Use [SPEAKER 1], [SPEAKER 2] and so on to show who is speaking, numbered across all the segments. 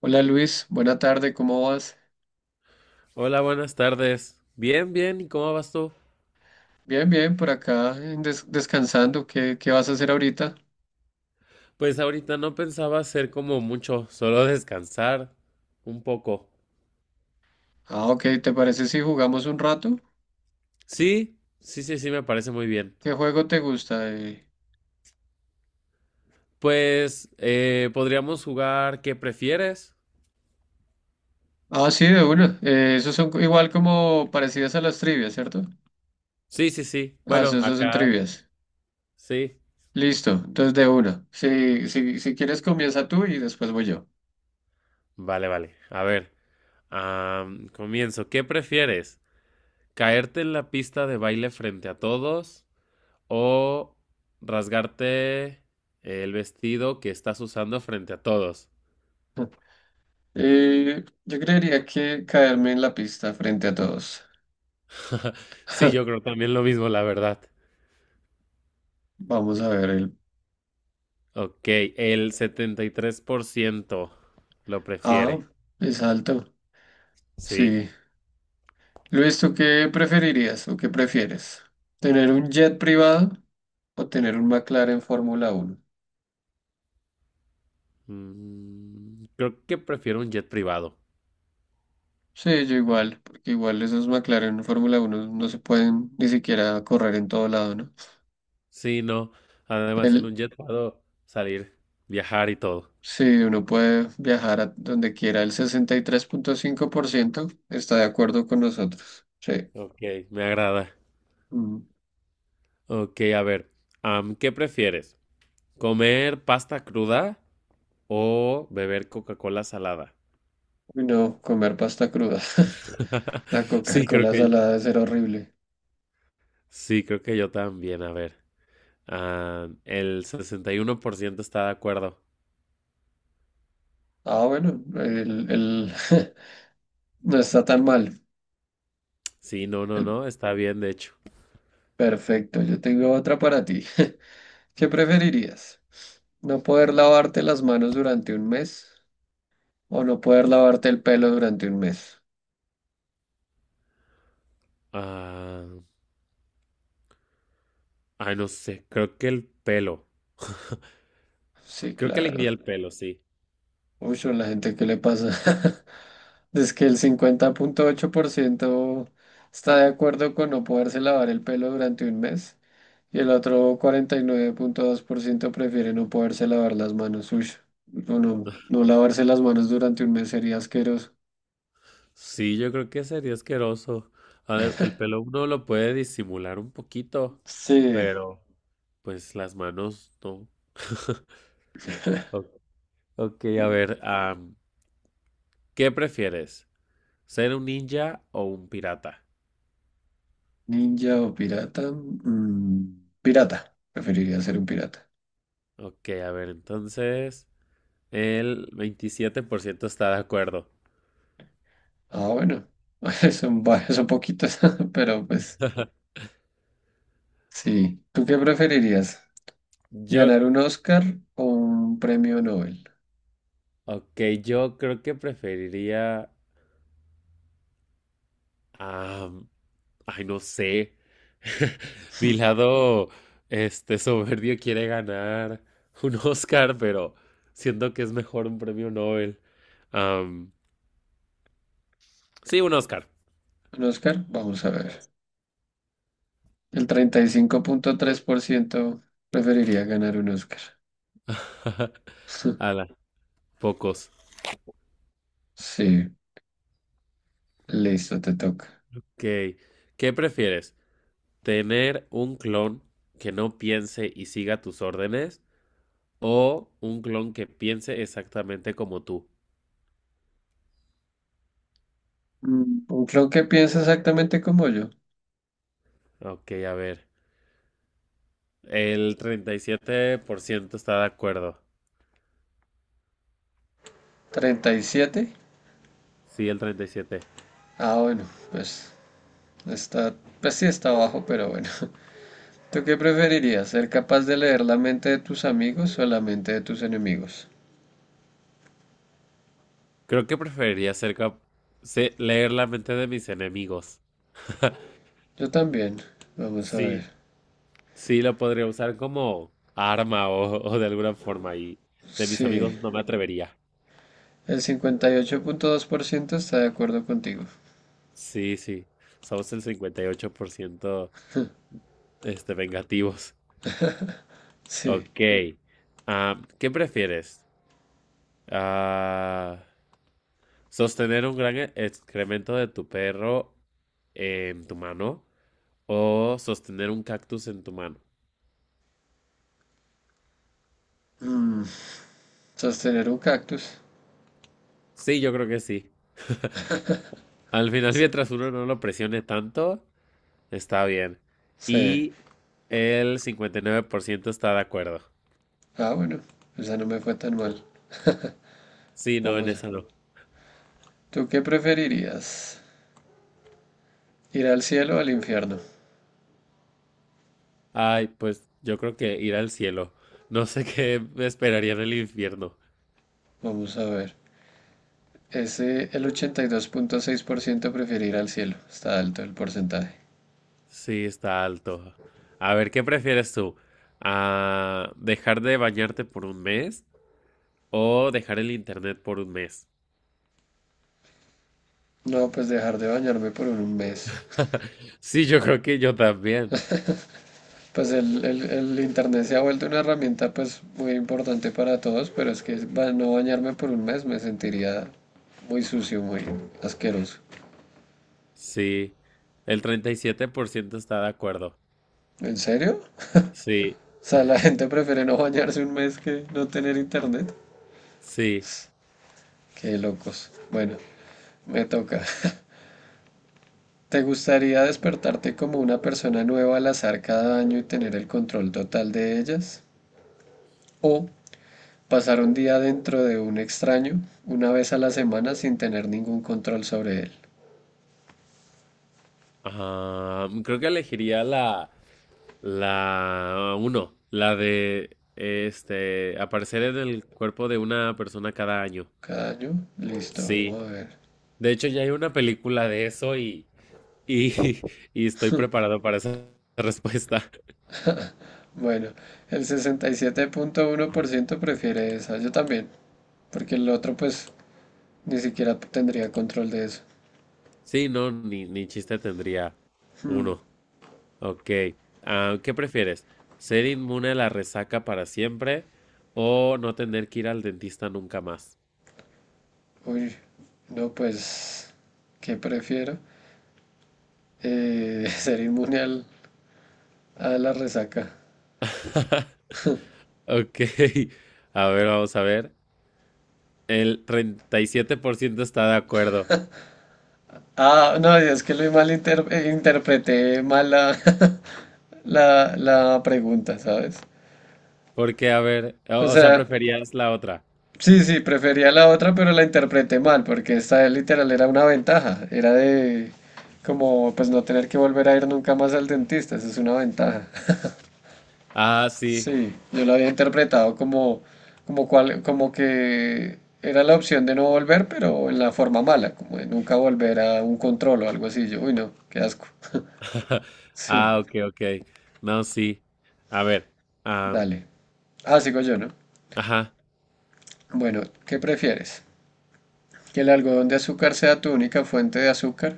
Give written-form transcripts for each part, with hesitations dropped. [SPEAKER 1] Hola Luis, buena tarde, ¿cómo vas?
[SPEAKER 2] Hola, buenas tardes. Bien, bien, ¿y cómo vas tú?
[SPEAKER 1] Bien, bien, por acá en descansando. ¿Qué vas a hacer ahorita?
[SPEAKER 2] Pues ahorita no pensaba hacer como mucho, solo descansar un poco.
[SPEAKER 1] Ah, ok, ¿te parece si jugamos un rato?
[SPEAKER 2] Sí, sí, sí, sí, me parece muy bien.
[SPEAKER 1] ¿Qué juego te gusta?
[SPEAKER 2] Pues podríamos jugar, ¿qué prefieres?
[SPEAKER 1] Ah, sí, de una. Esos son igual como parecidas a las trivias, ¿cierto?
[SPEAKER 2] Sí, sí, sí.
[SPEAKER 1] Ah,
[SPEAKER 2] Bueno,
[SPEAKER 1] esos son
[SPEAKER 2] acá
[SPEAKER 1] trivias.
[SPEAKER 2] sí.
[SPEAKER 1] Listo, entonces de una. Si quieres comienza tú y después voy yo.
[SPEAKER 2] Vale, vale. A ver, comienzo. ¿Qué prefieres? ¿Caerte en la pista de baile frente a todos o rasgarte el vestido que estás usando frente a todos?
[SPEAKER 1] Yo creería que caerme en la pista frente a todos.
[SPEAKER 2] Sí, yo creo también lo mismo, la verdad.
[SPEAKER 1] Vamos a ver.
[SPEAKER 2] Ok, el 73% lo
[SPEAKER 1] Ah,
[SPEAKER 2] prefiere.
[SPEAKER 1] es alto.
[SPEAKER 2] Sí.
[SPEAKER 1] Sí. Luis, ¿tú qué preferirías o qué prefieres? ¿Tener un jet privado o tener un McLaren Fórmula Uno?
[SPEAKER 2] Creo que prefiero un jet privado.
[SPEAKER 1] Sí, yo igual, porque igual esos McLaren Fórmula Uno no se pueden ni siquiera correr en todo lado, ¿no?
[SPEAKER 2] Sí, no. Además, en
[SPEAKER 1] El,
[SPEAKER 2] un jet puedo salir, viajar y todo.
[SPEAKER 1] sí, uno puede viajar a donde quiera, el 63,5% está de acuerdo con nosotros. Sí.
[SPEAKER 2] Ok, me agrada.
[SPEAKER 1] Mm.
[SPEAKER 2] Ok, a ver. ¿Qué prefieres? ¿Comer pasta cruda o beber Coca-Cola salada?
[SPEAKER 1] Y no comer pasta cruda. La
[SPEAKER 2] Sí, creo
[SPEAKER 1] Coca-Cola
[SPEAKER 2] que
[SPEAKER 1] salada es ser horrible.
[SPEAKER 2] sí, creo que yo también. A ver. Ah, el 61% está de acuerdo.
[SPEAKER 1] Ah, bueno, no está tan mal.
[SPEAKER 2] Sí, no, no,
[SPEAKER 1] El
[SPEAKER 2] no, está bien, de hecho.
[SPEAKER 1] Perfecto, yo tengo otra para ti. ¿Qué preferirías? ¿No poder lavarte las manos durante un mes o no poder lavarte el pelo durante un mes?
[SPEAKER 2] Ah, ay, no sé, creo que el pelo.
[SPEAKER 1] Sí,
[SPEAKER 2] Creo que
[SPEAKER 1] claro.
[SPEAKER 2] elegiría el pelo, sí.
[SPEAKER 1] Uy, a la gente, ¿qué le pasa? Es que el 50,8% está de acuerdo con no poderse lavar el pelo durante un mes y el otro 49,2% prefiere no poderse lavar las manos. Uy, no, no, no lavarse las manos durante un mes sería asqueroso.
[SPEAKER 2] Sí, yo creo que sería asqueroso. A ver, el pelo uno lo puede disimular un poquito,
[SPEAKER 1] Sí.
[SPEAKER 2] pero pues las manos no. O- Ok, a ver, ¿qué prefieres? ¿Ser un ninja o un pirata?
[SPEAKER 1] Ninja o pirata. Pirata. Preferiría ser un pirata.
[SPEAKER 2] Ok, a ver, entonces el 27% está de acuerdo.
[SPEAKER 1] Ah, bueno. Son varios, son poquitos, pero pues sí. ¿Tú qué preferirías?
[SPEAKER 2] Yo,
[SPEAKER 1] ¿Ganar un Oscar o un premio Nobel?
[SPEAKER 2] ok, yo creo que preferiría, ah, ay, no sé, mi lado, este, soberbio quiere ganar un Oscar, pero siento que es mejor un premio Nobel. Am, sí, un Oscar.
[SPEAKER 1] ¿Un Oscar? Vamos a ver. El 35,3% preferiría ganar un Oscar.
[SPEAKER 2] Ala, pocos.
[SPEAKER 1] Sí, listo, te toca.
[SPEAKER 2] Ok, ¿qué prefieres? ¿Tener un clon que no piense y siga tus órdenes o un clon que piense exactamente como tú?
[SPEAKER 1] Un clon que piensa exactamente como yo.
[SPEAKER 2] Ok, a ver. El 37% está de acuerdo.
[SPEAKER 1] 37.
[SPEAKER 2] Sí, el 37.
[SPEAKER 1] Ah, bueno, pues está, pues sí está abajo, pero bueno. ¿Tú qué preferirías? ¿Ser capaz de leer la mente de tus amigos o la mente de tus enemigos?
[SPEAKER 2] Creo que preferiría ser leer la mente de mis enemigos.
[SPEAKER 1] Yo también. Vamos a
[SPEAKER 2] Sí,
[SPEAKER 1] ver.
[SPEAKER 2] sí, lo podría usar como arma o de alguna forma y de mis amigos
[SPEAKER 1] Sí.
[SPEAKER 2] no me atrevería.
[SPEAKER 1] El 58,2% está de acuerdo contigo.
[SPEAKER 2] Sí, sí, somos el 58% este, vengativos.
[SPEAKER 1] Sí.
[SPEAKER 2] Ok, ¿qué prefieres? Ah, ¿sostener un gran excremento de tu perro en tu mano o sostener un cactus en tu mano?
[SPEAKER 1] Mm, Sostener un cactus.
[SPEAKER 2] Sí, yo creo que sí. Al final, mientras uno no lo presione tanto, está bien.
[SPEAKER 1] Sí.
[SPEAKER 2] Y el 59% está de acuerdo.
[SPEAKER 1] Ah, bueno. Esa no me fue tan mal.
[SPEAKER 2] Sí, no, en
[SPEAKER 1] Vamos a.
[SPEAKER 2] esa no.
[SPEAKER 1] ¿Tú qué preferirías? ¿Ir al cielo o al infierno?
[SPEAKER 2] Ay, pues yo creo que ir al cielo. No sé qué me esperaría en el infierno.
[SPEAKER 1] Vamos a ver. Ese, el 82,6% preferir al cielo. Está alto el porcentaje.
[SPEAKER 2] Sí, está alto. A ver, ¿qué prefieres tú? ¿A dejar de bañarte por un mes o dejar el internet por un mes?
[SPEAKER 1] No, pues dejar de bañarme por un mes.
[SPEAKER 2] Sí, yo creo que yo también.
[SPEAKER 1] Pues el internet se ha vuelto una herramienta pues muy importante para todos, pero es que no bañarme por un mes me sentiría muy sucio, muy asqueroso.
[SPEAKER 2] Sí, el 37% está de acuerdo.
[SPEAKER 1] ¿En serio?
[SPEAKER 2] Sí,
[SPEAKER 1] O sea, la gente prefiere no bañarse un mes que no tener internet.
[SPEAKER 2] sí.
[SPEAKER 1] Qué locos. Bueno, me toca. ¿Te gustaría despertarte como una persona nueva al azar cada año y tener el control total de ellas? ¿O pasar un día dentro de un extraño, una vez a la semana, sin tener ningún control sobre él?
[SPEAKER 2] Ah, creo que elegiría la uno, la de este aparecer en el cuerpo de una persona cada año.
[SPEAKER 1] Cada año, listo,
[SPEAKER 2] Sí.
[SPEAKER 1] vamos a ver.
[SPEAKER 2] De hecho, ya hay una película de eso y, y estoy preparado para esa respuesta.
[SPEAKER 1] Bueno, el 67,1% prefiere esa, yo también, porque el otro pues ni siquiera tendría control de eso.
[SPEAKER 2] Sí, no, ni chiste tendría
[SPEAKER 1] Hmm.
[SPEAKER 2] uno. Ok. ¿Qué prefieres? ¿Ser inmune a la resaca para siempre o no tener que ir al dentista nunca más?
[SPEAKER 1] Uy, no, pues, ¿qué prefiero? Ser inmune a la resaca.
[SPEAKER 2] Ok. A ver, vamos a ver. El 37% está de acuerdo.
[SPEAKER 1] Ah, no, es que lo interpreté mal la, la pregunta, ¿sabes?
[SPEAKER 2] Porque, a ver, o,
[SPEAKER 1] O
[SPEAKER 2] o sea,
[SPEAKER 1] sea,
[SPEAKER 2] preferías la otra.
[SPEAKER 1] sí, sí, prefería la otra, pero la interpreté mal, porque esta literal era una ventaja. Era de como pues no tener que volver a ir nunca más al dentista, eso es una ventaja.
[SPEAKER 2] Ah, sí.
[SPEAKER 1] Sí, yo lo había interpretado como, cual, como que era la opción de no volver, pero en la forma mala, como de nunca volver a un control o algo así. Yo, uy, no, qué asco. Sí,
[SPEAKER 2] Ah, ok, ok. No, sí. A ver. am,
[SPEAKER 1] dale. Ah, sigo yo, ¿no?
[SPEAKER 2] ajá.
[SPEAKER 1] Bueno, ¿qué prefieres? ¿Que el algodón de azúcar sea tu única fuente de azúcar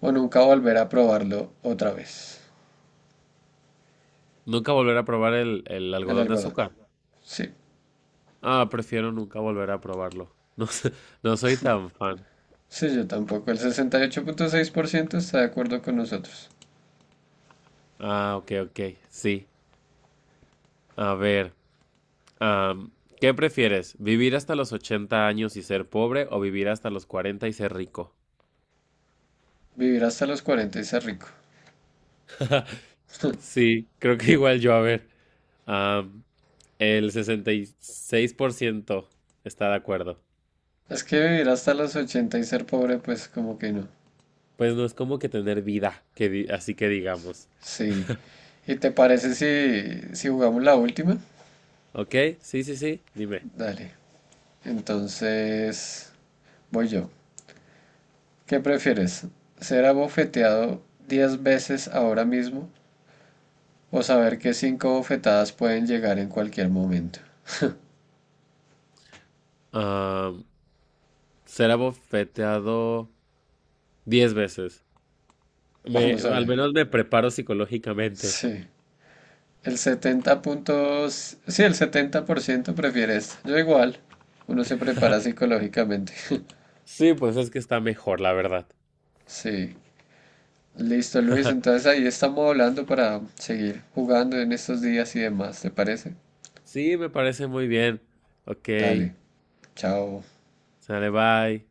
[SPEAKER 1] o nunca volver a probarlo otra vez?
[SPEAKER 2] Nunca volver a probar el
[SPEAKER 1] El
[SPEAKER 2] algodón de
[SPEAKER 1] algodón.
[SPEAKER 2] azúcar.
[SPEAKER 1] Sí,
[SPEAKER 2] Ah, prefiero nunca volver a probarlo. No, no soy tan fan.
[SPEAKER 1] sí, yo tampoco. El 68,6% está de acuerdo con nosotros.
[SPEAKER 2] Ah, ok, ok, sí. A ver, am, ¿qué prefieres? ¿Vivir hasta los 80 años y ser pobre o vivir hasta los 40 y ser rico?
[SPEAKER 1] Vivir hasta los 40 y ser rico.
[SPEAKER 2] Sí, creo que igual yo, a ver. am, el 66% está de acuerdo.
[SPEAKER 1] Es que vivir hasta los 80 y ser pobre, pues como que no.
[SPEAKER 2] Pues no es como que tener vida, que así que digamos.
[SPEAKER 1] Sí. ¿Y te parece si, jugamos la última?
[SPEAKER 2] Ok, sí, sí, sí, dime.
[SPEAKER 1] Dale. Entonces, voy yo. ¿Qué prefieres? ¿Ser abofeteado 10 veces ahora mismo o saber que 5 bofetadas pueden llegar en cualquier momento?
[SPEAKER 2] Am, ser abofeteado 10 veces. Me,
[SPEAKER 1] Vamos a
[SPEAKER 2] al
[SPEAKER 1] ver.
[SPEAKER 2] menos me preparo psicológicamente.
[SPEAKER 1] Sí. El setenta puntos. Sí, el 70% prefiere esto. Yo igual. Uno se prepara psicológicamente.
[SPEAKER 2] Sí, pues es que está mejor, la verdad.
[SPEAKER 1] Sí. Listo, Luis. Entonces ahí estamos hablando para seguir jugando en estos días y demás. ¿Te parece?
[SPEAKER 2] Sí, me parece muy bien. Ok,
[SPEAKER 1] Dale. Chao.
[SPEAKER 2] sale, bye.